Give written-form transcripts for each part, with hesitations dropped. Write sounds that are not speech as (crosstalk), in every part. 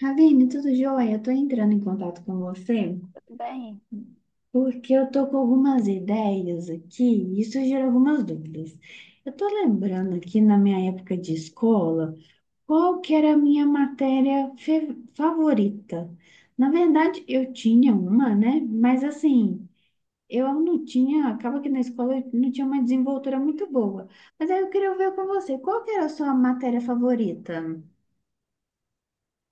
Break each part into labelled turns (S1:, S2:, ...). S1: Ravine, tudo jóia? Estou entrando em contato com você
S2: Bem,
S1: porque eu estou com algumas ideias aqui e isso gera algumas dúvidas. Eu estou lembrando aqui na minha época de escola qual que era a minha matéria favorita. Na verdade, eu tinha uma, né? Mas assim, eu não tinha, acaba que na escola eu não tinha uma desenvoltura muito boa. Mas aí eu queria ver com você, qual que era a sua matéria favorita?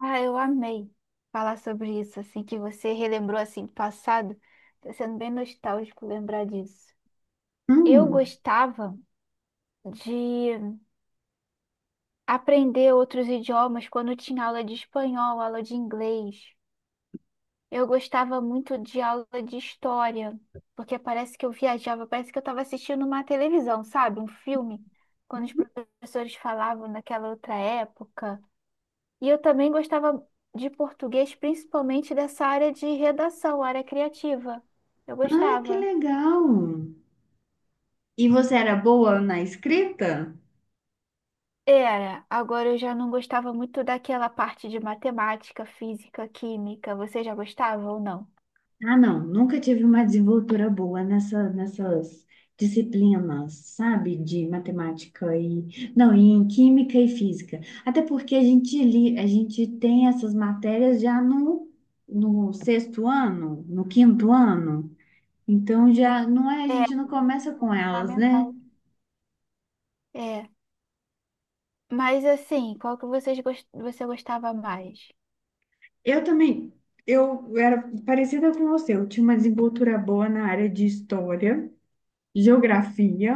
S2: eu amei falar sobre isso, assim, que você relembrou, assim, do passado. Tá sendo bem nostálgico lembrar disso. Eu
S1: Hum,
S2: gostava de aprender outros idiomas quando tinha aula de espanhol, aula de inglês. Eu gostava muito de aula de história, porque parece que eu viajava, parece que eu estava assistindo uma televisão, sabe? Um filme, quando os professores falavam naquela outra época. E eu também gostava de português, principalmente dessa área de redação, área criativa. Eu
S1: ai, que
S2: gostava.
S1: legal! E você era boa na escrita?
S2: Era, agora eu já não gostava muito daquela parte de matemática, física, química. Você já gostava ou não?
S1: Ah, não, nunca tive uma desenvoltura boa nessas disciplinas, sabe? De matemática e... Não, e em química e física. Até porque a gente tem essas matérias já no sexto ano, no quinto ano. Então, já não é, a
S2: É,
S1: gente não começa com elas, né?
S2: fundamental. É, mas assim, qual que vocês gos- você gostava mais?
S1: Eu também, eu era parecida com você. Eu tinha uma desenvoltura boa na área de história, geografia.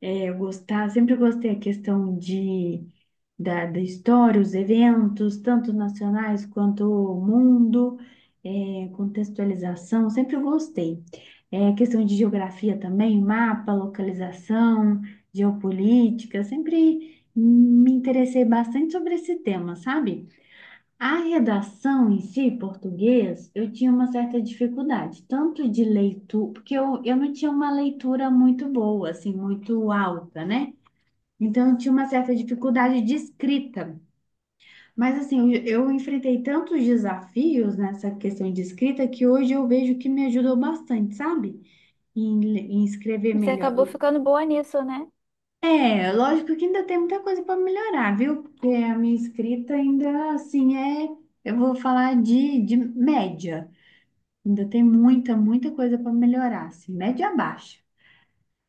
S1: É, eu gostar, sempre gostei a da história, os eventos, tanto nacionais quanto o mundo, é, contextualização, sempre gostei. É, questão de geografia também, mapa, localização, geopolítica, sempre me interessei bastante sobre esse tema, sabe? A redação em si, português, eu tinha uma certa dificuldade, tanto de leitura, porque eu não tinha uma leitura muito boa, assim, muito alta, né? Então, eu tinha uma certa dificuldade de escrita. Mas, assim, eu enfrentei tantos desafios nessa questão de escrita que hoje eu vejo que me ajudou bastante, sabe? Em escrever
S2: Você
S1: melhor.
S2: acabou ficando boa nisso, né?
S1: É, lógico que ainda tem muita coisa para melhorar, viu? Porque a minha escrita ainda, assim, é, eu vou falar de média. Ainda tem muita, muita coisa para melhorar, assim, média baixa.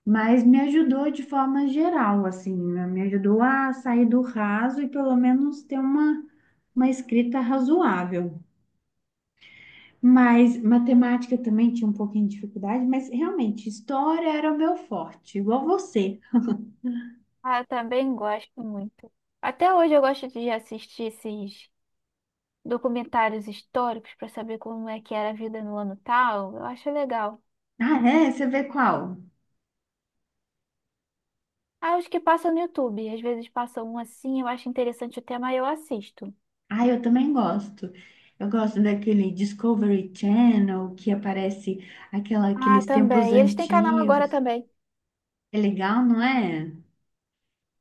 S1: Mas me ajudou de forma geral, assim, né? Me ajudou a sair do raso e pelo menos ter uma escrita razoável. Mas matemática também tinha um pouquinho de dificuldade, mas realmente, história era o meu forte, igual você.
S2: Ah, eu também gosto muito. Até hoje eu gosto de assistir esses documentários históricos para saber como é que era a vida no ano tal. Eu acho legal.
S1: Ah, é? Você vê qual?
S2: Ah, os que passam no YouTube. Às vezes passam um assim, eu acho interessante o tema e eu assisto.
S1: Ah, eu também gosto. Eu gosto daquele Discovery Channel que aparece aquela,
S2: Ah,
S1: aqueles tempos
S2: também. E eles têm canal agora
S1: antigos.
S2: também.
S1: É legal, não é?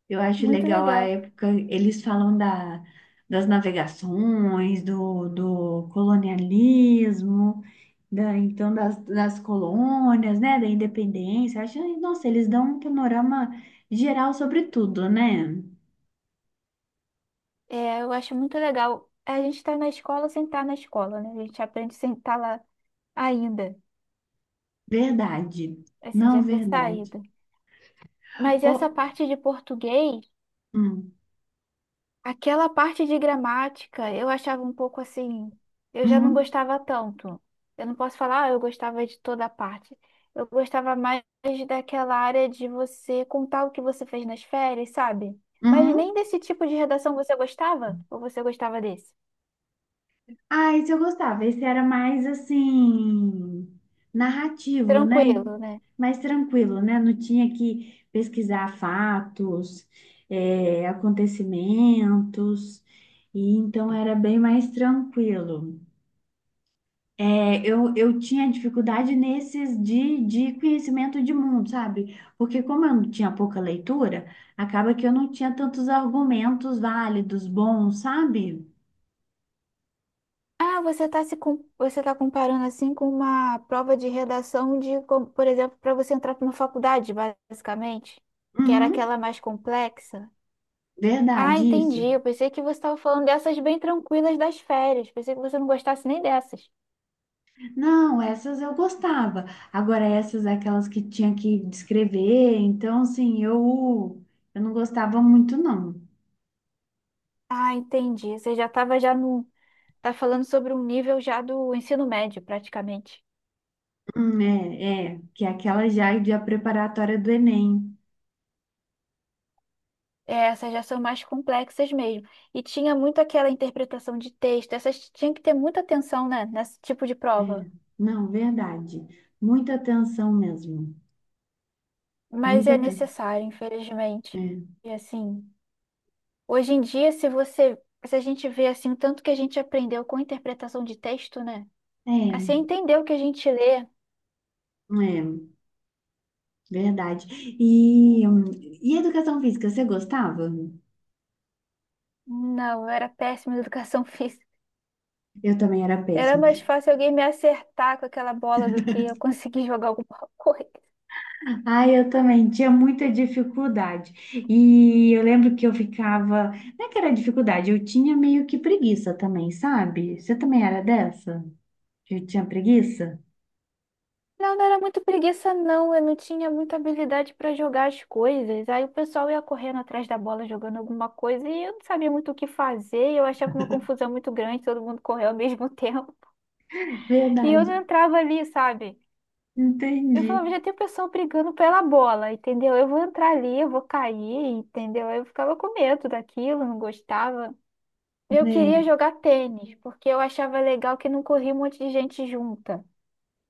S1: Eu acho
S2: Muito
S1: legal a
S2: legal.
S1: época, eles falam das navegações, do colonialismo, então das colônias, né, da independência. Acho, nossa, eles dão um panorama geral sobre tudo, né?
S2: É, eu acho muito legal. A gente está na escola sem estar na escola, né? A gente aprende sem estar lá ainda.
S1: Verdade.
S2: Assim,
S1: Não
S2: já ter
S1: verdade.
S2: saído. Mas
S1: Ô,
S2: essa parte de português.
S1: hum,
S2: Aquela parte de gramática eu achava um pouco assim, eu já não
S1: uhum,
S2: gostava tanto. Eu não posso falar, ah, eu gostava de toda a parte. Eu gostava mais daquela área de você contar o que você fez nas férias, sabe? Mas
S1: uhum.
S2: nem desse tipo de redação você gostava? Ou você gostava desse?
S1: Ah, esse eu gostava. Esse era mais assim, narrativo, né?
S2: Tranquilo, né?
S1: Mais tranquilo, né? Não tinha que pesquisar fatos, é, acontecimentos, e então era bem mais tranquilo. É, eu tinha dificuldade nesses de conhecimento de mundo, sabe? Porque como eu não tinha pouca leitura, acaba que eu não tinha tantos argumentos válidos, bons, sabe?
S2: Ah, você tá se com... Você tá comparando assim com uma prova de redação de, como, por exemplo, para você entrar para uma faculdade, basicamente, que era
S1: Uhum,
S2: aquela mais complexa. Ah,
S1: verdade,
S2: entendi.
S1: isso.
S2: Eu pensei que você estava falando dessas bem tranquilas das férias. Pensei que você não gostasse nem dessas.
S1: Não, essas eu gostava. Agora, essas aquelas que tinha que descrever, então, assim, eu não gostava muito, não.
S2: Ah, entendi. Você já estava já no, tá falando sobre um nível já do ensino médio, praticamente.
S1: É, é, que é aquela já de a preparatória do Enem.
S2: É, essas já são mais complexas mesmo. E tinha muito aquela interpretação de texto. Essas tinha que ter muita atenção, né, nesse tipo de prova.
S1: É, não, verdade. Muita atenção mesmo.
S2: Mas
S1: Muita
S2: é
S1: atenção.
S2: necessário, infelizmente.
S1: É,
S2: E assim, hoje em dia, se a gente vê assim o tanto que a gente aprendeu com interpretação de texto, né?
S1: é,
S2: Assim, entender o que a gente lê.
S1: é, verdade. E, hum, e educação física, você gostava?
S2: Não, eu era péssima em educação (laughs) física.
S1: Eu também era
S2: Era
S1: péssima.
S2: mais fácil alguém me acertar com aquela bola do que eu conseguir jogar alguma (laughs) coisa.
S1: Ai, eu também tinha muita dificuldade. E eu lembro que eu ficava. Não é que era dificuldade, eu tinha meio que preguiça também, sabe? Você também era dessa? Eu tinha preguiça?
S2: Não, não era muito preguiça, não. Eu não tinha muita habilidade para jogar as coisas. Aí o pessoal ia correndo atrás da bola, jogando alguma coisa, e eu não sabia muito o que fazer. Eu achava uma confusão muito grande, todo mundo correu ao (laughs) mesmo tempo. E eu
S1: Verdade,
S2: não entrava ali, sabe? Eu
S1: entendi.
S2: falava, já tem pessoa brigando pela bola, entendeu? Eu vou entrar ali, eu vou cair, entendeu? Eu ficava com medo daquilo, não gostava. Eu queria
S1: Né?
S2: jogar tênis, porque eu achava legal que não corria um monte de gente junta.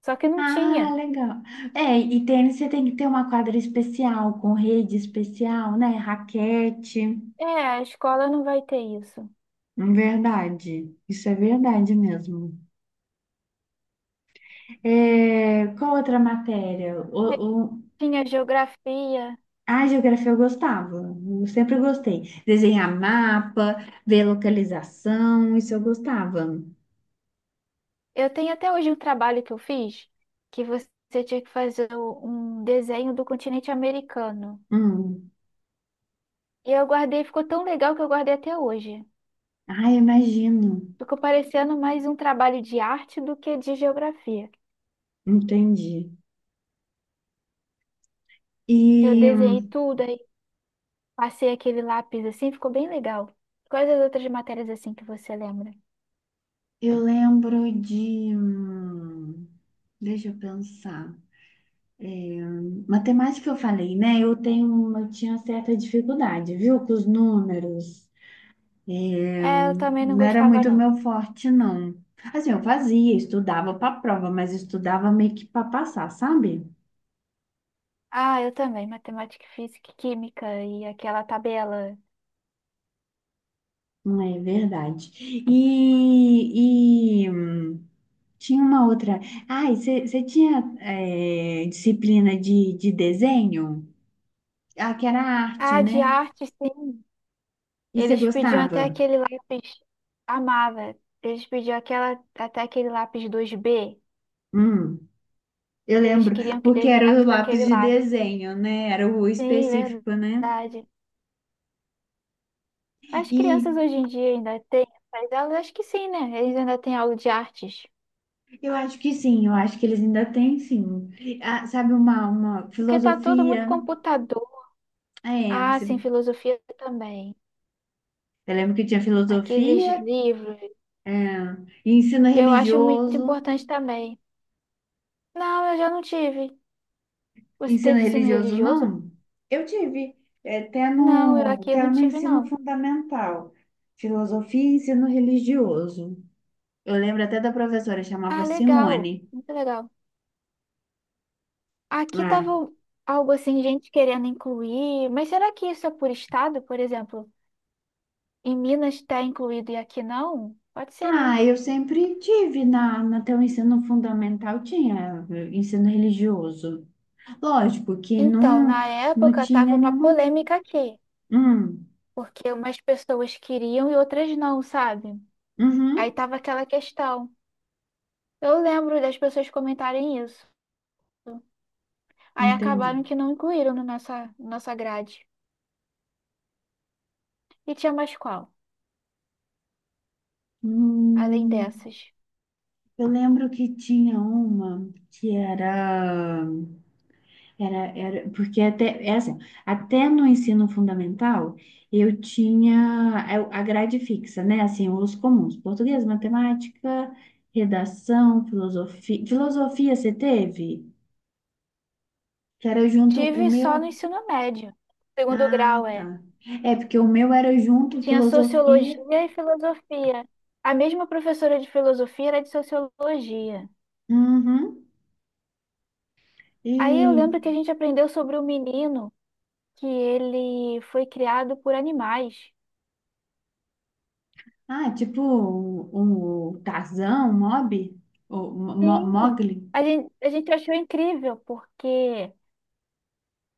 S2: Só que não
S1: Ah,
S2: tinha.
S1: legal. É, e tênis você tem que ter uma quadra especial, com rede especial, né? Raquete.
S2: É, a escola não vai ter isso.
S1: Verdade. Isso é verdade mesmo. É, qual outra matéria?
S2: Aí tinha geografia.
S1: Ah, geografia eu gostava, eu sempre gostei. Desenhar mapa, ver localização, isso eu gostava.
S2: Eu tenho até hoje um trabalho que eu fiz, que você tinha que fazer um desenho do continente americano.
S1: Hum.
S2: E eu guardei, ficou tão legal que eu guardei até hoje.
S1: Ah, imagino.
S2: Ficou parecendo mais um trabalho de arte do que de geografia.
S1: Entendi.
S2: Eu
S1: E
S2: desenhei tudo, aí passei aquele lápis assim, ficou bem legal. Quais as outras matérias assim que você lembra?
S1: eu lembro de. Hum, deixa eu pensar. É, matemática eu falei, né? Eu tinha certa dificuldade, viu? Com os números.
S2: É, eu também não
S1: Não era
S2: gostava,
S1: muito
S2: não.
S1: meu forte, não. Assim, eu fazia, estudava para prova, mas estudava meio que para passar, sabe?
S2: Ah, eu também, matemática, física, e química e aquela tabela.
S1: É verdade. E tinha uma outra. Ah, e você tinha é, disciplina de desenho? Ah, que era arte,
S2: Ah, de
S1: né?
S2: arte, sim.
S1: E você
S2: Eles pediam até
S1: gostava?
S2: aquele lápis, amava. Eles pediam aquela, até aquele lápis 2B.
S1: Hum, eu
S2: Eles
S1: lembro,
S2: queriam que
S1: porque era o
S2: desenhasse com
S1: lápis
S2: aquele
S1: de
S2: lápis.
S1: desenho, né? Era o
S2: Sim,
S1: específico, né?
S2: verdade. As
S1: E
S2: crianças hoje em dia ainda têm essas aulas? Acho que sim, né? Eles ainda têm aula de artes.
S1: eu acho que sim, eu acho que eles ainda têm, sim. Ah, sabe, uma
S2: Porque tá tudo muito
S1: filosofia.
S2: computador.
S1: É,
S2: Ah, sim, filosofia também.
S1: eu lembro que tinha
S2: Aqueles
S1: filosofia,
S2: livros.
S1: é, e ensino
S2: Eu acho muito
S1: religioso.
S2: importante também. Não, eu já não tive. Você
S1: Ensino
S2: teve ensino
S1: religioso
S2: religioso?
S1: não? Eu tive, é, até
S2: Não, eu aqui eu
S1: até
S2: não
S1: no
S2: tive,
S1: ensino
S2: não.
S1: fundamental, filosofia e ensino religioso. Eu lembro até da professora, chamava
S2: Ah, legal.
S1: Simone.
S2: Muito legal. Aqui
S1: Ah,
S2: tava algo assim, gente querendo incluir, mas será que isso é por estado, por exemplo? Em Minas está incluído e aqui não? Pode ser, né?
S1: ah, eu sempre tive até o ensino fundamental, tinha eh, ensino religioso. Lógico que
S2: Então,
S1: não,
S2: na
S1: não
S2: época tava
S1: tinha
S2: uma
S1: nenhuma.
S2: polêmica aqui,
S1: Hum,
S2: porque umas pessoas queriam e outras não, sabe? Aí
S1: uhum,
S2: tava aquela questão. Eu lembro das pessoas comentarem isso. Aí
S1: entendi.
S2: acabaram que não incluíram na nossa grade. E tinha mais qual, além
S1: Hum,
S2: dessas?
S1: eu lembro que tinha uma que era. Era, era, porque até, é assim, até no ensino fundamental, eu tinha a grade fixa, né? Assim, os comuns, português, matemática, redação, filosofia. Filosofia você teve? Que era junto o
S2: Tive
S1: meu.
S2: só no ensino médio. Segundo
S1: Ah,
S2: grau, é.
S1: tá. É, porque o meu era junto
S2: Tinha
S1: filosofia.
S2: sociologia e filosofia. A mesma professora de filosofia era de sociologia.
S1: Uhum.
S2: Aí eu
S1: E,
S2: lembro que a gente aprendeu sobre um menino que ele foi criado por animais.
S1: ah, tipo o Tarzan, o Mob,
S2: Sim.
S1: Mowgli.
S2: A gente achou incrível, porque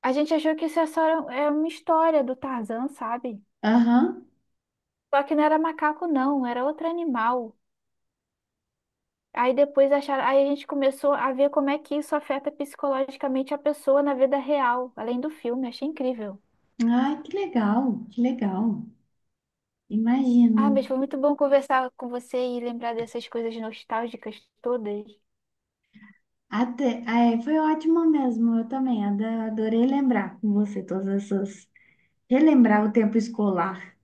S2: a gente achou que isso é só é uma história do Tarzan, sabe?
S1: Aham.
S2: Só que não era macaco, não, era outro animal. Aí depois acharam, aí a gente começou a ver como é que isso afeta psicologicamente a pessoa na vida real, além do filme, achei incrível.
S1: Ai, que legal, que legal. Imagino.
S2: Ah, mas foi muito bom conversar com você e lembrar dessas coisas nostálgicas todas.
S1: Até, ah, é, foi ótimo mesmo, eu também adorei lembrar com você todas essas, relembrar o tempo escolar.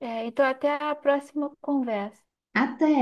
S2: É, então até a próxima conversa.
S1: Até.